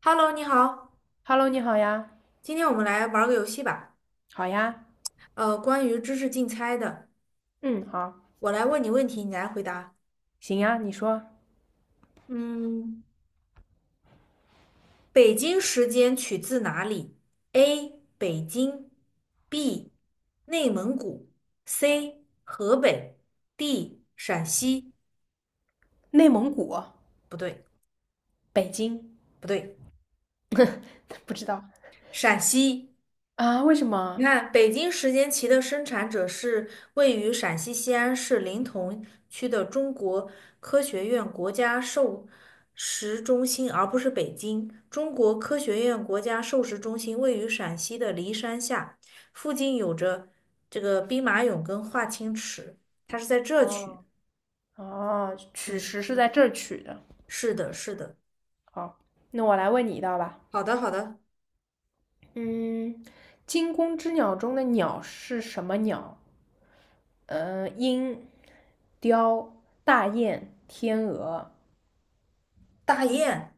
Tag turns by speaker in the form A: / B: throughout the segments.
A: Hello，你好，
B: Hello，你好呀，
A: 今天我们来玩儿个游戏吧。
B: 好呀，
A: 关于知识竞猜的，
B: 嗯，好，
A: 我来问你问题，你来回答。
B: 行呀，你说，
A: 嗯，北京时间取自哪里？A. 北京，B. 内蒙古，C. 河北，D. 陕西。
B: 内蒙古，
A: 不对，
B: 北京，
A: 不对，
B: 不知道。
A: 陕西。
B: 啊？为什么？
A: 你看，北京时间棋的生产者是位于陕西西安市临潼区的中国科学院国家授食中心，而不是北京。中国科学院国家授食中心位于陕西的骊山下，附近有着这个兵马俑跟华清池，它是在这区。
B: 哦哦，取
A: 嗯，
B: 食是在这儿取的。
A: 是的，是的。
B: 好，那我来问你一道吧。
A: 好的，好的。
B: 嗯，惊弓之鸟中的鸟是什么鸟？鹰、雕、大雁、天鹅。
A: 大雁。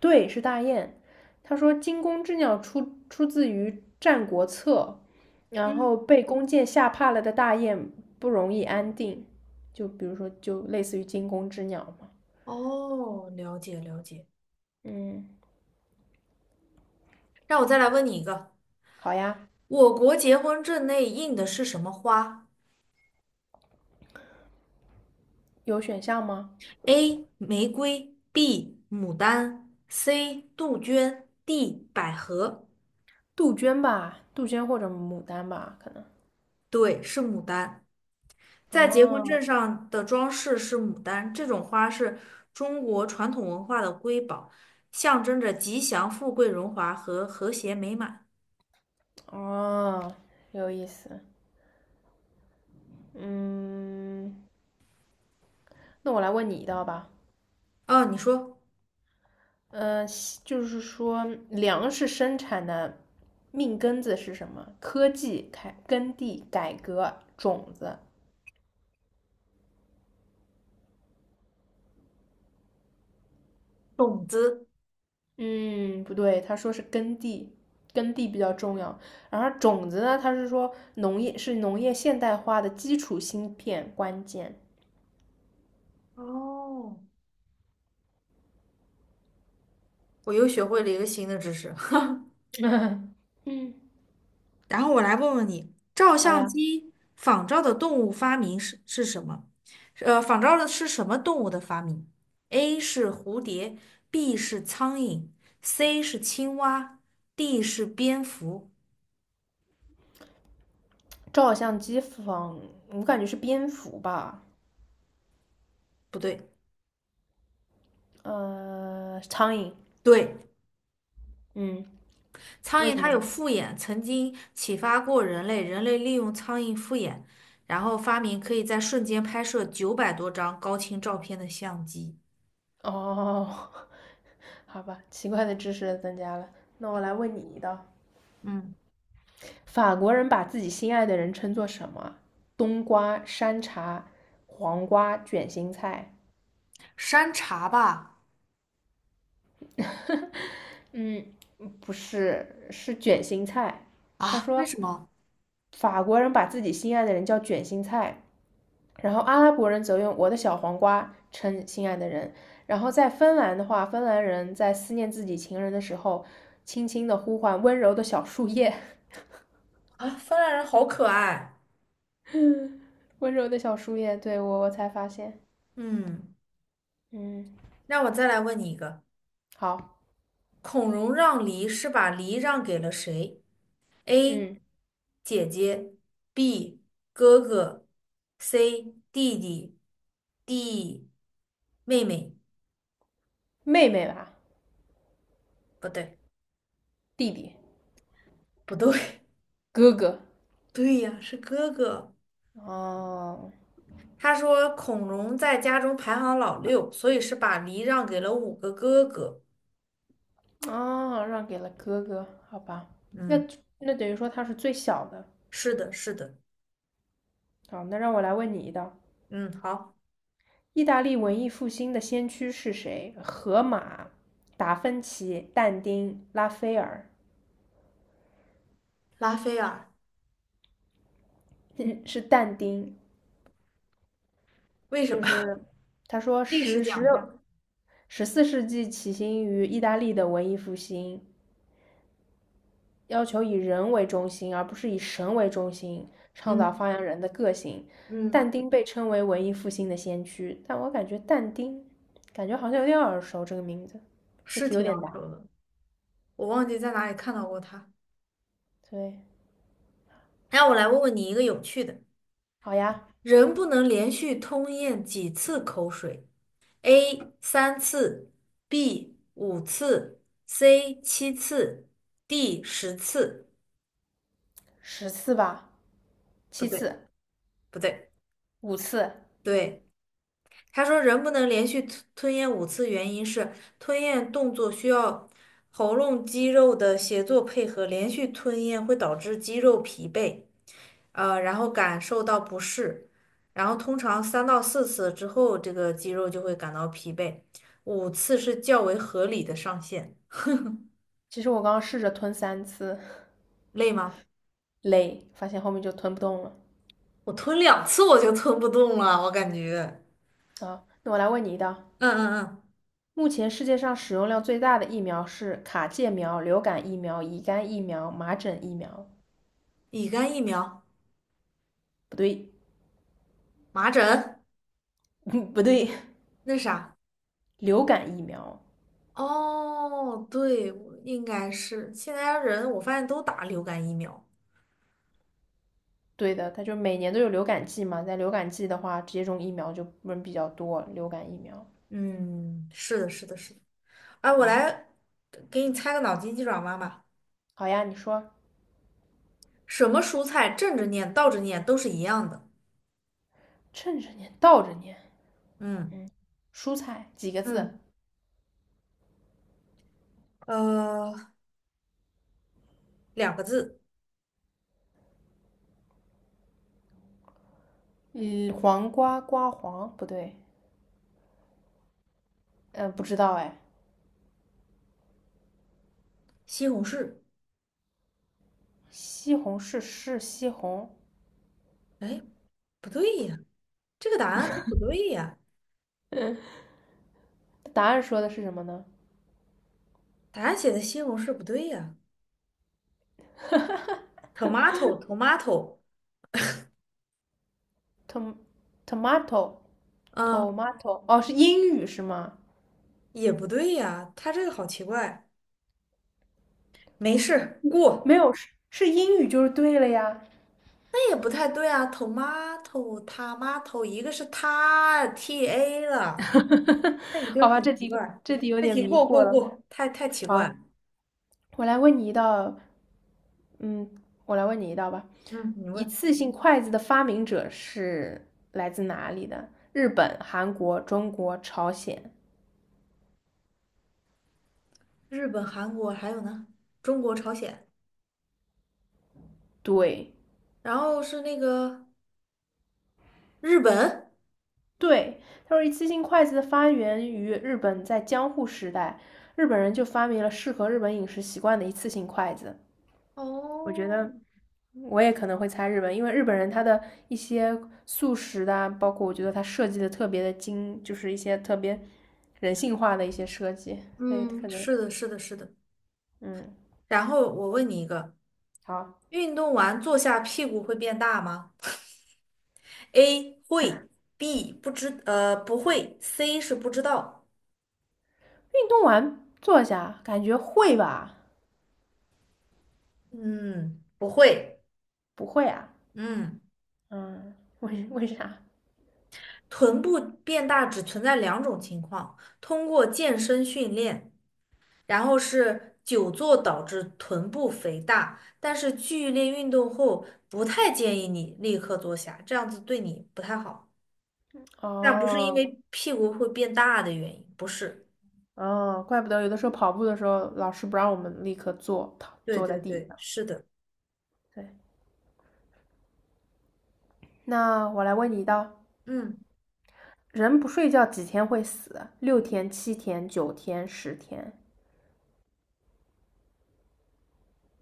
B: 对，是大雁。他说惊弓之鸟出自于《战国策》，然后
A: 嗯，
B: 被弓箭吓怕了的大雁不容易安定，就比如说就类似于惊弓之鸟嘛。
A: 哦，了解了解。
B: 嗯，
A: 让我再来问你一个。
B: 好呀，
A: 我国结婚证内印的是什么花
B: 有选项吗？
A: ？A. 玫瑰 B. 牡丹 C. 杜鹃 D. 百合。
B: 杜鹃吧，杜鹃或者牡丹吧，可能。
A: 对，是牡丹。在结婚
B: 哦
A: 证上的装饰是牡丹，这种花是中国传统文化的瑰宝，象征着吉祥、富贵、荣华和和谐美满。
B: 哦，有意思。嗯，那我来问你一道吧。
A: 哦，你说
B: 呃，就是说粮食生产的命根子是什么？科技、改耕地、改革、种子。
A: 种子。
B: 嗯，不对，他说是耕地，耕地比较重要。然后种子呢，他是说农业是农业现代化的基础芯片关键。
A: 哦，我又学会了一个新的知识。
B: 嗯，
A: 然后我来问问你，照
B: 好
A: 相
B: 呀。
A: 机仿照的动物发明是什么？仿照的是什么动物的发明？A 是蝴蝶，B 是苍蝇，C 是青蛙，D 是蝙蝠。
B: 照相机仿，我感觉是蝙蝠吧？
A: 不对，
B: 苍蝇。
A: 对，
B: 嗯，
A: 苍
B: 为
A: 蝇
B: 什
A: 它
B: 么
A: 有
B: 呢？
A: 复眼，曾经启发过人类，人类利用苍蝇复眼，然后发明可以在瞬间拍摄900多张高清照片的相机。
B: 哦，好吧，奇怪的知识增加了。那我来问你一道：
A: 嗯，
B: 法国人把自己心爱的人称作什么？冬瓜、山茶、黄瓜、卷心菜。
A: 山茶吧？
B: 嗯，不是，是卷心菜。他
A: 啊？为
B: 说，
A: 什么？
B: 法国人把自己心爱的人叫卷心菜，然后阿拉伯人则用我的小黄瓜称心爱的人。然后在芬兰的话，芬兰人在思念自己情人的时候，轻轻的呼唤温柔的小树叶。
A: 啊，芬兰人好可爱。
B: 温柔的小树叶，对我才发现，
A: 嗯，
B: 嗯，
A: 让我再来问你一个：
B: 好，
A: 孔融让梨是把梨让给了谁？A.
B: 嗯，
A: 姐姐，B. 哥哥，C. 弟弟，D. 妹妹。
B: 妹妹吧，
A: 不对，
B: 弟弟，
A: 不对，
B: 哥哥，
A: 对呀，是哥哥。
B: 哦，
A: 他说孔融在家中排行老六，所以是把梨让给了5个哥哥。
B: 哦，让给了哥哥，好吧，那
A: 嗯，
B: 那等于说他是最小的。
A: 是的，是的。
B: 好，那让我来问你一道，
A: 嗯，好，
B: 意大利文艺复兴的先驱是谁？荷马、达芬奇、但丁、拉斐尔，
A: 拉斐尔，
B: 是但丁。
A: 为什么？
B: 就是他说
A: 历史
B: 十
A: 讲。一
B: 六。
A: 下。
B: 14世纪起兴于意大利的文艺复兴，要求以人为中心，而不是以神为中心，倡导
A: 嗯
B: 发扬人的个性。
A: 嗯，
B: 但丁被称为文艺复兴的先驱，但我感觉但丁，感觉好像有点耳熟这个名字，这
A: 是
B: 题有
A: 挺难
B: 点难。
A: 受的，我忘记在哪里看到过它。
B: 对，
A: 那我来问问你一个有趣的：
B: 好呀，
A: 人不能连续吞咽几次口水？A 3次，B 5次，C 7次，D 10次。
B: 10次吧，
A: 不
B: 七
A: 对，
B: 次，
A: 不对，
B: 5次。
A: 对。他说人不能连续吞咽五次，原因是吞咽动作需要喉咙肌肉的协作配合，连续吞咽会导致肌肉疲惫。然后感受到不适，然后通常3到4次之后，这个肌肉就会感到疲惫，五次是较为合理的上限。
B: 其实我刚刚试着吞3次，
A: 累吗？
B: 累，发现后面就吞不动了。
A: 我吞2次我就吞不动了，我感觉。
B: 啊，那我来问你一道：
A: 嗯嗯嗯，
B: 目前世界上使用量最大的疫苗是卡介苗、流感疫苗、乙肝疫苗、麻疹疫苗？
A: 乙肝疫苗、
B: 不对，
A: 麻疹，
B: 嗯，不对，
A: 那啥。
B: 流感疫苗。
A: 哦，对，我应该是现在人我发现都打流感疫苗。
B: 对的，它就每年都有流感季嘛，在流感季的话，接种疫苗就人比较多，流感疫苗。
A: 嗯，是的，是的，是的。哎，我
B: 嗯，
A: 来给你猜个脑筋急转弯吧。
B: 好呀，你说
A: 什么蔬菜正着念、倒着念都是一样的。
B: 趁着年倒着年，
A: 嗯
B: 蔬菜几个字？
A: 嗯，呃，2个字，
B: 嗯，黄瓜瓜黄不对，不知道哎，
A: 西红柿。
B: 西红柿是西红，
A: 哎，不对呀，这个答案它不对呀，
B: 答案说的是什么呢
A: 答案写的西红柿不对呀。tomato tomato，
B: ？tom tomato
A: 啊，
B: tomato 哦，是英语是吗？
A: 也不对呀，它这个好奇怪。没事，
B: 没
A: 过。
B: 有是英语就是对了呀，
A: 那也不太对啊，tomato tomato，一个是它 t a 了，那不就
B: 好
A: 是
B: 吧，
A: 很
B: 这
A: 奇
B: 题
A: 怪？
B: 这题有
A: 这
B: 点
A: 题
B: 迷
A: 过过
B: 过了。
A: 过，太奇怪了。
B: 好，我来问你一道，嗯，我来问你一道吧。
A: 嗯，你
B: 一
A: 问。
B: 次性筷子的发明者是来自哪里的？日本、韩国、中国、朝鲜。
A: 日本、韩国还有呢，中国、朝鲜，
B: 对
A: 然后是那个日本。
B: 对，他说一次性筷子的发源于日本，在江户时代，日本人就发明了适合日本饮食习惯的一次性筷子。我觉
A: 哦，
B: 得我也可能会猜日本，因为日本人他的一些素食的啊，包括我觉得他设计的特别的精，就是一些特别人性化的一些设计，所以
A: 嗯，
B: 可能。
A: 是的，是的，是的。
B: 嗯，
A: 然后我问你一个，
B: 好，
A: 运动完坐下屁股会变大吗？A 会，B 不知，不会，C 是不知道。
B: 运动完坐下，感觉会吧？
A: 嗯，不会。
B: 不会啊？
A: 嗯，
B: 嗯，为啥？
A: 臀部变大只存在两种情况，通过健身训练然后是久坐导致臀部肥大，但是剧烈运动后不太建议你立刻坐下，这样子对你不太好。但不是因
B: 哦
A: 为屁股会变大的原因，不是。
B: 哦，怪不得有的时候跑步的时候，老师不让我们立刻坐
A: 对
B: 坐在
A: 对
B: 地
A: 对，
B: 上。
A: 是的，
B: 对，那我来问你一道，
A: 嗯，
B: 人不睡觉几天会死？六天、七天、九天、十天。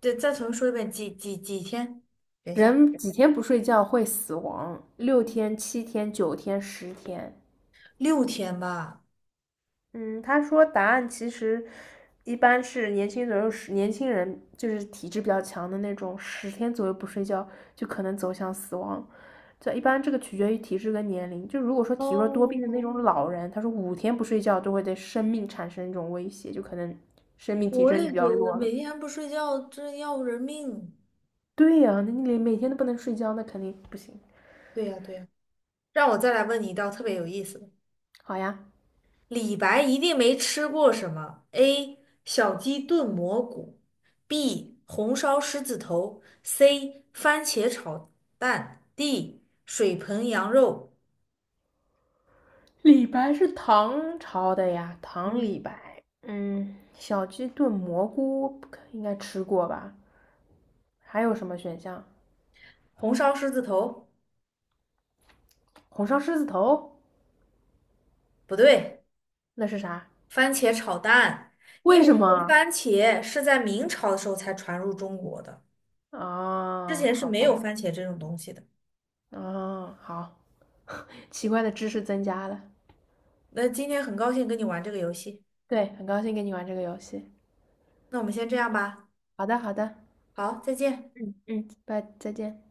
A: 对，再重新说一遍，几天？等一下，
B: 人几天不睡觉会死亡？六天、七天、九天、十天。
A: 6天吧。
B: 嗯，他说答案其实一般是年轻左右年轻人，就是体质比较强的那种，十天左右不睡觉就可能走向死亡。这一般这个取决于体质跟年龄。就如果说体弱多病的那
A: 哦，
B: 种老人，他说5天不睡觉都会对生命产生一种威胁，就可能生命体
A: 我
B: 征就
A: 也
B: 比
A: 觉
B: 较
A: 得
B: 弱了。
A: 每天不睡觉真要人命。
B: 对呀、啊那你连每天都不能睡觉，那肯定不行。
A: 对呀对呀，让我再来问你一道特别有意思的。
B: 好呀，
A: 李白一定没吃过什么：A. 小鸡炖蘑菇，B. 红烧狮子头，C. 番茄炒蛋，D. 水盆羊肉。
B: 李白是唐朝的呀，唐李
A: 嗯，
B: 白。嗯，小鸡炖蘑菇应该吃过吧？还有什么选项？
A: 红烧狮子头
B: 红烧狮子头，
A: 不对，
B: 那是啥？
A: 番茄炒蛋，因
B: 为
A: 为
B: 什
A: 这个
B: 么？
A: 番茄是在明朝的时候才传入中国的，之
B: 啊，
A: 前是
B: 好
A: 没有
B: 吧，
A: 番茄这种东西的。
B: 啊，好，奇怪的知识增加了。
A: 那今天很高兴跟你玩这个游戏，
B: 对，很高兴跟你玩这个游戏。
A: 那我们先这样吧，
B: 好的，好的，
A: 好，再见。
B: 嗯嗯，拜，再见。